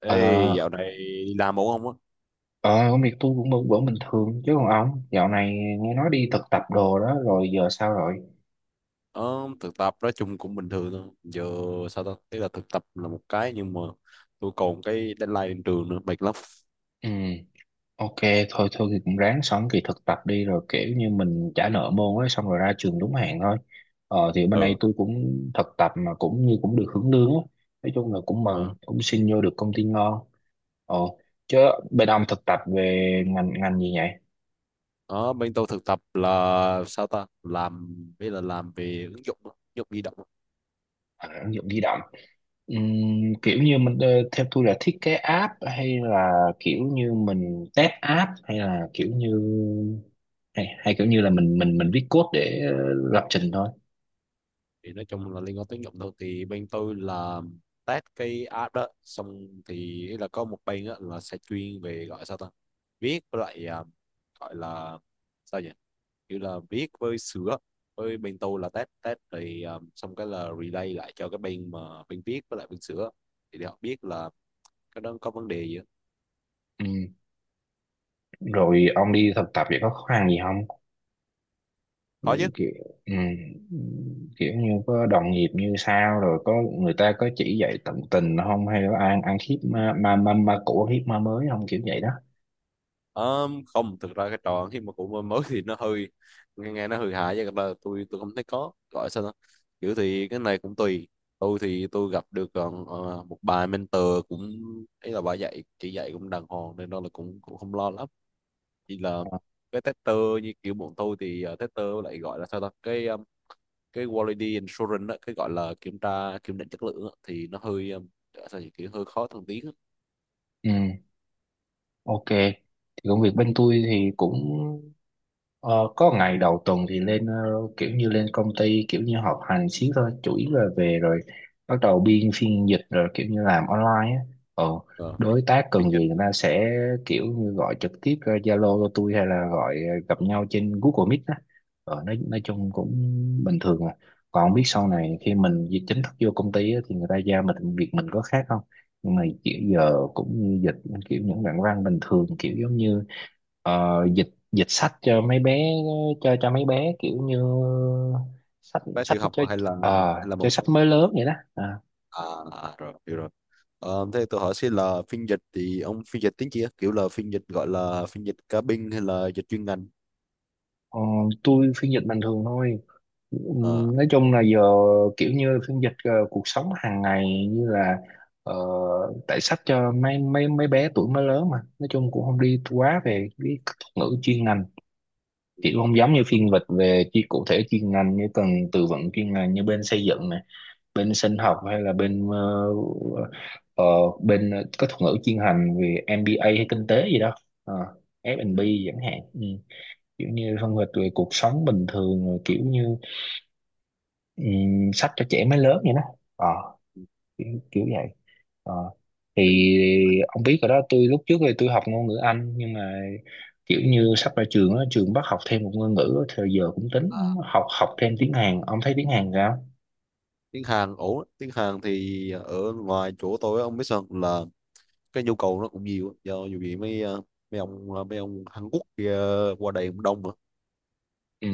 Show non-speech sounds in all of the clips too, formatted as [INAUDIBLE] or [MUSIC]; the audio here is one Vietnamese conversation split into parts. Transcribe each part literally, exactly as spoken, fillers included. Ê, Ờ, dạo này đi làm ổn không á? ờ, công việc tôi cũng vẫn vẫn bình thường chứ còn ông dạo này nghe nói đi thực tập đồ đó rồi giờ sao rồi? Ờ, thực tập nói chung cũng bình thường thôi. Giờ sao ta? Tức là thực tập là một cái nhưng mà tôi còn cái deadline trên trường nữa, mệt lắm. Ừ, ok, thôi thôi thì cũng ráng xong kỳ thực tập đi rồi kiểu như mình trả nợ môn ấy xong rồi ra trường đúng hạn thôi. Ờ, thì bên đây Ừ. tôi cũng thực tập mà cũng như cũng được hưởng lương á. Nói chung là cũng mừng, Ờ, cũng xin vô được công ty ngon. Ồ, chứ bên ông thực tập về ngành ngành gì vậy? Ờ, bên tôi thực tập là sao ta? Làm bây là làm về ứng dụng, á, ứng dụng di động á. À, ứng dụng di động. Ừm, kiểu như mình, ờ, theo tôi là thiết kế app hay là kiểu như mình test app, hay là kiểu như hay, hay kiểu như là mình mình mình viết code để ờ, lập trình thôi. Thì nói chung là liên quan tới ứng dụng thôi. Thì bên tôi là test cái app đó. Xong thì là có một bên á, là sẽ chuyên về gọi sao ta? Viết với lại, à, gọi là sao nhỉ? Như là viết với sửa, với bên tôi là test test, thì um, xong cái là relay lại cho cái bên mà bên viết với lại bên sửa, thì để họ biết là cái đó có vấn đề gì á. Ừm, rồi ông đi thực tập vậy có khó khăn gì không, Có chứ. kiểu ừm, kiểu như có đồng nghiệp như sao, rồi có người ta có chỉ dạy tận tình không, hay là ăn ăn khiếp, ma ma ma, ma cũ ăn khiếp ma mới không, kiểu vậy đó. Um, không, thực ra cái trò khi mà cũng mới thì nó hơi nghe, nghe nó hơi hại, chứ thật ra tôi tôi không thấy có gọi sao đó. Kiểu thì cái này cũng tùy, tôi thì tôi gặp được ờ, ờ, một bà mentor cũng ấy, là bà dạy chỉ dạy cũng đàng hoàng, nên đó là cũng cũng không lo lắm. Chỉ là Ờ, cái tester như kiểu bọn tôi thì ờ, tester lại gọi là sao ta, cái ờ, cái quality assurance á, cái gọi là kiểm tra kiểm định chất lượng á, thì nó hơi um, sao nhỉ? Kiểu hơi khó thăng tiến á. Ừm, ok thì công việc bên tôi thì cũng, ờ, có ngày đầu tuần thì lên, ờ, kiểu như lên công ty kiểu như họp hành xíu thôi, chủ yếu là về rồi bắt đầu biên phiên dịch, rồi kiểu như làm online á, ờ, Ờ, đối tác phiên cần dịch gì người ta sẽ kiểu như gọi trực tiếp ra Zalo cho tôi, hay là gọi, ờ, gặp nhau trên Google Meet á, ờ, nói, nói chung cũng bình thường à. Còn biết sau ờ, này khi mình di- chính thức vô công ty á, thì người ta giao mình việc mình có khác không, nhưng mà kiểu giờ cũng như dịch kiểu những đoạn văn bình thường, kiểu giống như, ờ, dịch dịch sách cho mấy bé, cho cho mấy bé kiểu như sách bé sách tiểu học cho, hay là ờ, hay là cho mầm non? sách mới lớn vậy đó, à, À, à rồi, hiểu rồi. Ờ, thế tôi hỏi xin là phiên dịch thì ông phiên dịch tiếng gì á? Kiểu là phiên dịch gọi là phiên dịch cá binh hay là dịch chuyên ngành? ờ, tôi phiên dịch bình thường thôi. Ờ. Ừm, nói chung là giờ kiểu như phiên dịch, ờ, cuộc sống hàng ngày, như là, ờ, tại sách cho mấy mấy mấy bé tuổi mới lớn, mà nói chung cũng không đi quá về cái thuật ngữ chuyên ngành, chỉ không giống như phiên dịch về chi cụ thể chuyên ngành như cần từ vựng chuyên ngành như bên xây dựng này, bên sinh học, hay là bên ờ, ờ, bên có thuật ngữ chuyên ngành về em bê a hay kinh tế gì đó. Ờ, ép và bê chẳng hạn, ừ, kiểu như phân tích về cuộc sống bình thường, rồi kiểu như ừm, sách cho trẻ mới lớn vậy đó. Ờ, Ừ. kiểu, kiểu vậy. Ờ, thì ông biết rồi đó, tôi lúc trước thì tôi học ngôn ngữ Anh, nhưng mà kiểu như sắp ra trường á, trường bắt học thêm một ngôn ngữ á, thì giờ cũng À, tính học học thêm tiếng Hàn, ông thấy tiếng Hàn sao? tiếng Hàn ổn á. Tiếng Hàn thì ở ngoài chỗ tôi á, ông biết sao không? Là cái nhu cầu nó cũng nhiều á. Do dù gì mấy ờ, mấy ông ờ, mấy ông Hàn Quốc kia qua đây cũng đông mà. Ừ.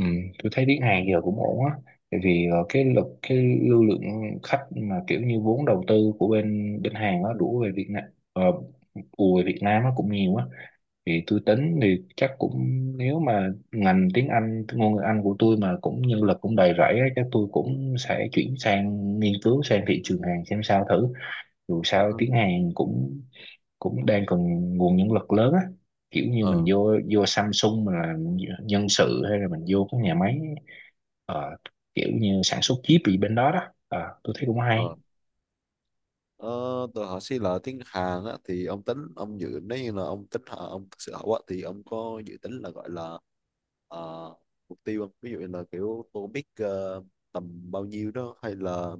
Ừ, tôi thấy tiếng Hàn giờ cũng ổn á, tại vì, ờ, cái lực cái lưu lượng khách mà kiểu như vốn đầu tư của bên bên Hàn nó đổ về Việt Nam, uh, ùa về Việt Nam nó cũng nhiều á, thì tôi tính thì chắc cũng, nếu mà ngành tiếng Anh ngôn ngữ Anh của tôi mà cũng nhân lực cũng đầy rẫy á, chắc tôi cũng sẽ chuyển sang nghiên cứu sang thị trường Hàn xem sao thử. Dù Ờ. sao tiếng Hàn cũng cũng đang cần nguồn nhân lực lớn á, kiểu như mình Ờ. vô vô Samsung mình là nhân sự, hay là mình vô các nhà máy, ờ, kiểu như sản xuất chip gì bên đó đó. Ờ, tôi thấy cũng hay. Ờ. Ờ, tôi hỏi xí là tiếng Hàn á thì ông tính ông dự, nếu như là ông tính Hàn- ông thực sự học á, thì ông có dự tính là gọi là ờ, mục tiêu không? Ví dụ như là kiểu TOEIC ờ, tầm bao nhiêu đó, hay là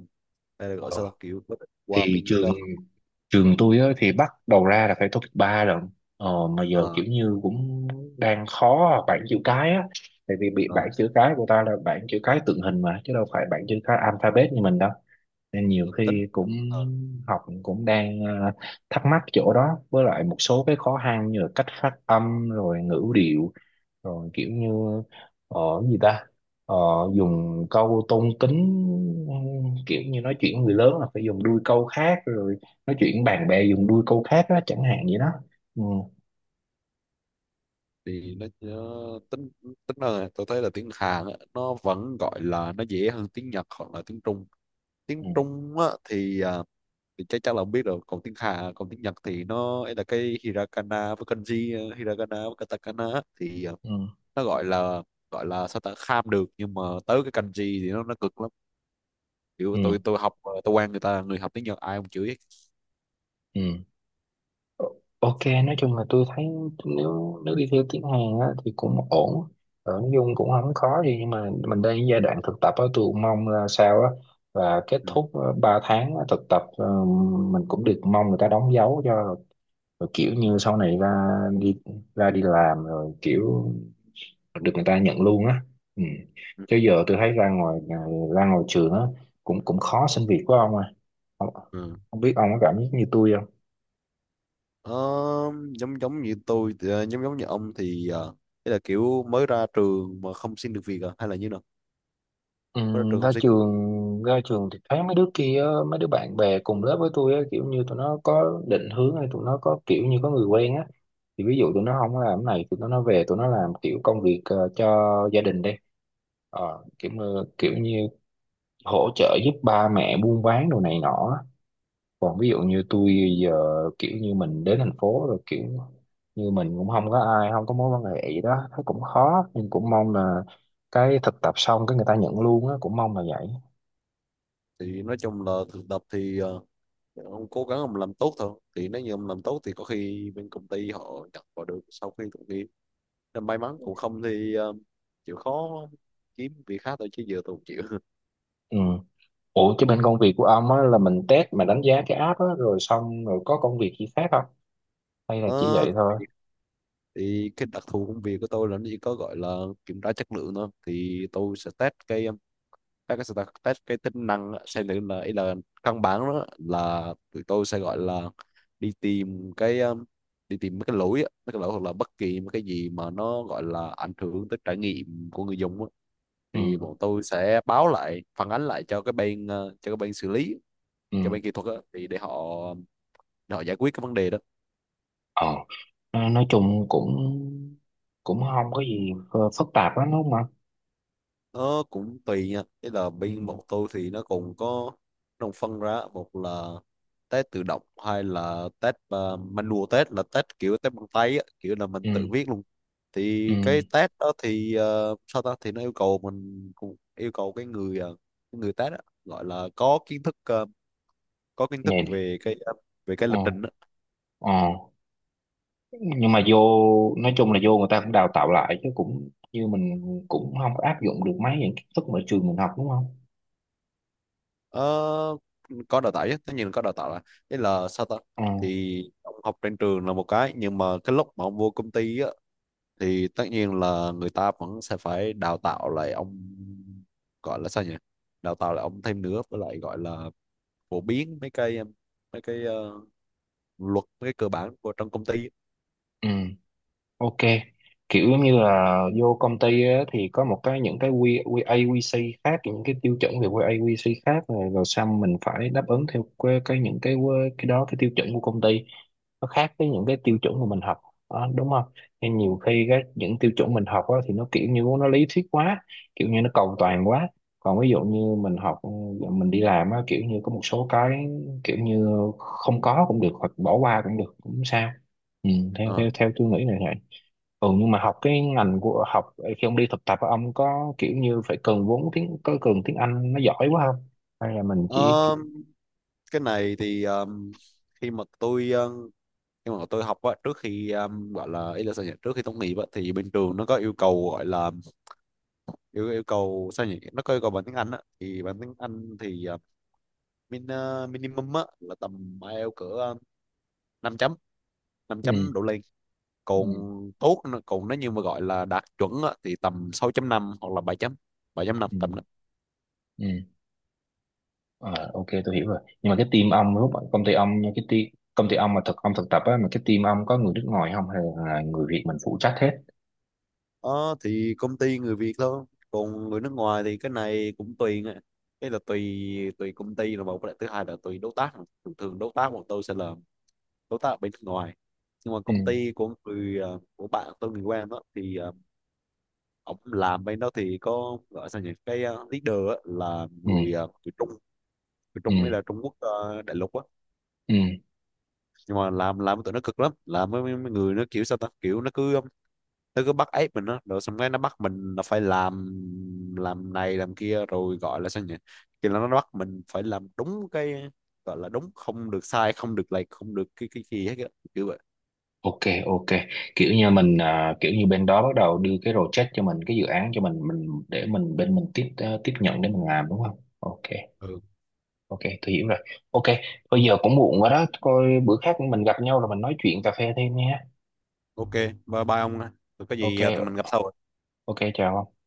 hay là gọi Ờ, sao ta? Kiểu có định qua thì bên trường đó. trường tôi á, thì bắt đầu ra là phải tốt nghiệp ba lận, ờ, mà giờ Ờ, kiểu như cũng đang khó à, bảng chữ cái á, tại vì bị ờ, bảng chữ cái của ta là bảng chữ cái tượng hình mà, chứ đâu phải bảng chữ cái alphabet như mình đâu, nên nhiều tôi tính khi cũng ờ. học cũng đang, ờ, thắc mắc chỗ đó, với lại một số cái khó khăn như là cách phát âm, rồi ngữ điệu, rồi kiểu như, ờ gì ta, ờ, dùng câu tôn kính, kiểu như nói chuyện người lớn là phải dùng đuôi câu khác, rồi nói chuyện bạn bè dùng đuôi câu khác đó, chẳng hạn vậy đó. Ừ, Thì nó, nó tính tính là tôi thấy là tiếng Hàn á, nó vẫn gọi là nó dễ hơn tiếng Nhật hoặc là tiếng Trung. Tiếng ừ, Trung á, thì à, thì chắc chắn là ông biết rồi. Còn tiếng Hàn, còn tiếng Nhật thì nó ấy là cái hiragana với kanji, ờ, hiragana với katakana á, thì ờ, ừ, nó gọi là, gọi là sao ta, kham được, nhưng mà tới cái kanji thì nó nó cực lắm. Kiểu tôi ừ, tôi học ờ, tôi quen người ta, người học tiếng Nhật ai cũng chửi hết. ừ. Ok, nói chung là tôi thấy, nếu nếu đi theo tiếng Hàn á, thì cũng ổn. Ờ, nói chung cũng không khó gì, nhưng mà mình đang ở giai đoạn thực tập á, tôi cũng mong là sao á, là kết Ừ. thúc, ờ, ba tháng á, thực tập, ờ, mình cũng được, mong người ta đóng dấu cho, rồi kiểu Ừ. như sau này ra đi ra đi làm rồi kiểu được người ta nhận luôn á, ừ. Ừ. Chứ giờ tôi thấy ra ngoài à, ra ngoài trường á, cũng cũng khó xin việc của ông à, không, Ừ. không biết ông có cảm giác như tôi. Ờ, giống giống như tôi thì, ờ, giống giống như ông thì ờ, thế là kiểu mới ra trường mà không xin được việc à? Hay là như nào, Ừ, mới ra trường ra không xin được việc? trường ra trường thì thấy mấy đứa kia á, mấy đứa bạn bè cùng lớp với tôi á, kiểu như tụi nó có định hướng, hay tụi nó có kiểu như có người quen á, thì ví dụ tụi nó không có làm cái này tụi nó nó về tụi nó làm kiểu công việc, ờ, cho gia đình đi, ờ, kiểu như- kiểu như hỗ trợ giúp ba mẹ buôn bán đồ này nọ á. Còn ví dụ như tôi giờ kiểu như mình đến thành phố rồi kiểu như mình cũng không có ai, không có mối quan hệ gì đó, thấy cũng khó, nhưng cũng mong là cái thực tập xong cái người ta nhận luôn á, cũng mong là vậy. Thì nói chung là thực tập thì ờ, ông cố gắng ông làm tốt thôi, thì nếu như ông làm tốt thì có khi bên công ty họ nhận vào được sau khi tốt nghiệp. Nên may mắn, cũng không thì ờ, chịu khó kiếm việc khác thôi, chứ giờ tôi không chịu. [LAUGHS] Ừ. Ủa chứ bên công việc của ông á là mình test mà đánh giá cái app á, rồi xong rồi có công việc gì khác không? Hay là chỉ Ờ, vậy thôi? thì cái đặc thù công việc của tôi là nó chỉ có gọi là kiểm tra chất lượng thôi. Thì tôi sẽ test cái, các cái static test cái tính năng á, xem thử là ý là căn bản đó, là tụi tôi sẽ gọi là đi tìm cái um, đi tìm mấy cái lỗi á, mấy cái lỗi hoặc là bất kỳ một cái gì mà nó gọi là ảnh hưởng tới trải nghiệm của người dùng á. Ừ, Thì bọn tôi sẽ báo lại, phản ánh lại cho cái bên ờ, cho cái bên xử lý, ừ. cho bên kỹ thuật á, thì để họ để họ giải quyết cái vấn đề đó. Ờ, nói nói chung cũng cũng không có gì ph- phức tạp lắm đúng không ạ? Nó cũng tùy nha. Thế là Ừ, bên bọn tôi thì nó cũng có đồng phân ra, một là test tự động hay là test uh, manual, test là test kiểu test bằng tay á, kiểu là mình tự ừ, viết luôn. ừ. Thì cái test đó thì ờ, sao ta, thì nó yêu cầu mình, cũng yêu cầu cái người ờ, cái người test á, gọi là có kiến thức ờ, có kiến thức Nè, về cái ờ, về cái ờ, lập trình á. ờ. Nhưng mà vô, nói chung là vô người ta cũng đào tạo lại, chứ cũng như mình cũng không có áp dụng được mấy những kiến thức mà trường mình học đúng không? Ờ, có đào tạo chứ, tất nhiên là có đào tạo. Là thế là sao ta, Ừ, thì ông học trên trường là một cái, nhưng mà cái lúc mà ông vô công ty á, thì tất nhiên là người ta vẫn sẽ phải đào tạo lại ông, gọi là sao nhỉ, đào tạo lại ông thêm nữa, với lại gọi là phổ biến mấy cái em, mấy cái ờ, luật, mấy cái cơ bản của trong công ty. ừ. Ok, kiểu giống như là vô công ty á, thì có một cái, những cái quy quy a quy xê khác, những cái tiêu chuẩn về quy a quy xê khác rồi, rồi xong mình phải đáp ứng theo cái, cái những cái quy- cái đó, cái tiêu chuẩn của công ty nó khác với những cái tiêu chuẩn mà mình học đó, đúng không? Nên nhiều khi cái những tiêu chuẩn mình học á, thì nó kiểu như nó lý thuyết quá, kiểu như nó cầu Ừ. toàn quá. Còn ví dụ như mình học mình đi làm á, kiểu như có một số cái kiểu như không có cũng được, hoặc bỏ qua cũng được, cũng sao. Ừ, theo Ờ. theo theo tôi nghĩ này, ừ, nhưng mà học cái ngành của học, khi ông đi thực tập á, ông có kiểu như phải cần vốn tiếng, có cần tiếng Anh nó giỏi quá không, hay là mình chỉ kiểu. Ờ, cái này thì ờm, khi mà tôi ờ, khi mà tôi học á, trước khi ờm, gọi là ý là sao nhỉ, trước khi tốt nghiệp á, thì bên trường nó có yêu cầu, gọi là yêu yêu cầu sao nhỉ, nó có yêu cầu bằng tiếng Anh á, thì bằng tiếng Anh thì ờ, min, ờ, minimum á, là tầm IELTS cỡ ờ, năm chấm, năm Ừ, chấm đổ lên. Còn tốt nữa- còn nếu như mà gọi là đạt chuẩn á, thì tầm sáu chấm năm hoặc là bảy chấm bảy chấm năm, ừ, tầm đó. ừ. Ờ, ok tôi hiểu rồi, nhưng mà cái team ông lúc mà công ty ông nha, cái team công ty ông mà thực ông thực tập á, mà cái team ông có người nước ngoài không, hay là người Việt mình phụ trách hết? Ờ, thì công ty người Việt thôi. Còn người nước ngoài thì cái này cũng tùy nghe. Cái là tùy, tùy công ty là một cái, thứ hai là tùy đối tác. Thường thường đối tác của tôi sẽ là đối tác ở bên nước ngoài. Nhưng mà công Ừ, ty của người ờ, của bạn tôi, người quen đó, thì ờ, ông làm bên đó thì có gọi sao nhỉ, cái ờ, leader á, là ừ, người ờ, người Trung, người ừ, Trung hay là Trung Quốc, ờ, đại lục á. ừ, Nhưng mà làm làm tụi nó cực lắm, làm với mấy mấy người nó kiểu sao ta, kiểu nó cứ um, nó cứ bắt ép mình đó, rồi xong cái nó bắt mình là phải làm làm này làm kia, rồi gọi là sao nhỉ, kiểu là nó bắt mình phải làm đúng cái, gọi là đúng, không được sai, không được lệch, không được cái cái gì hết á, kiểu vậy. ok, ok, kiểu như mình à, kiểu như bên đó bắt đầu đưa cái project cho mình, cái dự án cho mình mình để mình bên mình tiếp, ờ, tiếp nhận để mình làm đúng không, ok. Ừ, Ok, tôi hiểu rồi. Ok, bây giờ cũng muộn rồi đó. Coi bữa khác mình gặp nhau rồi mình nói chuyện cà phê thêm nha. ok, bye bye ông ạ. Rồi có Ok, gì à, tụi mình gặp sau. ok, chào ông.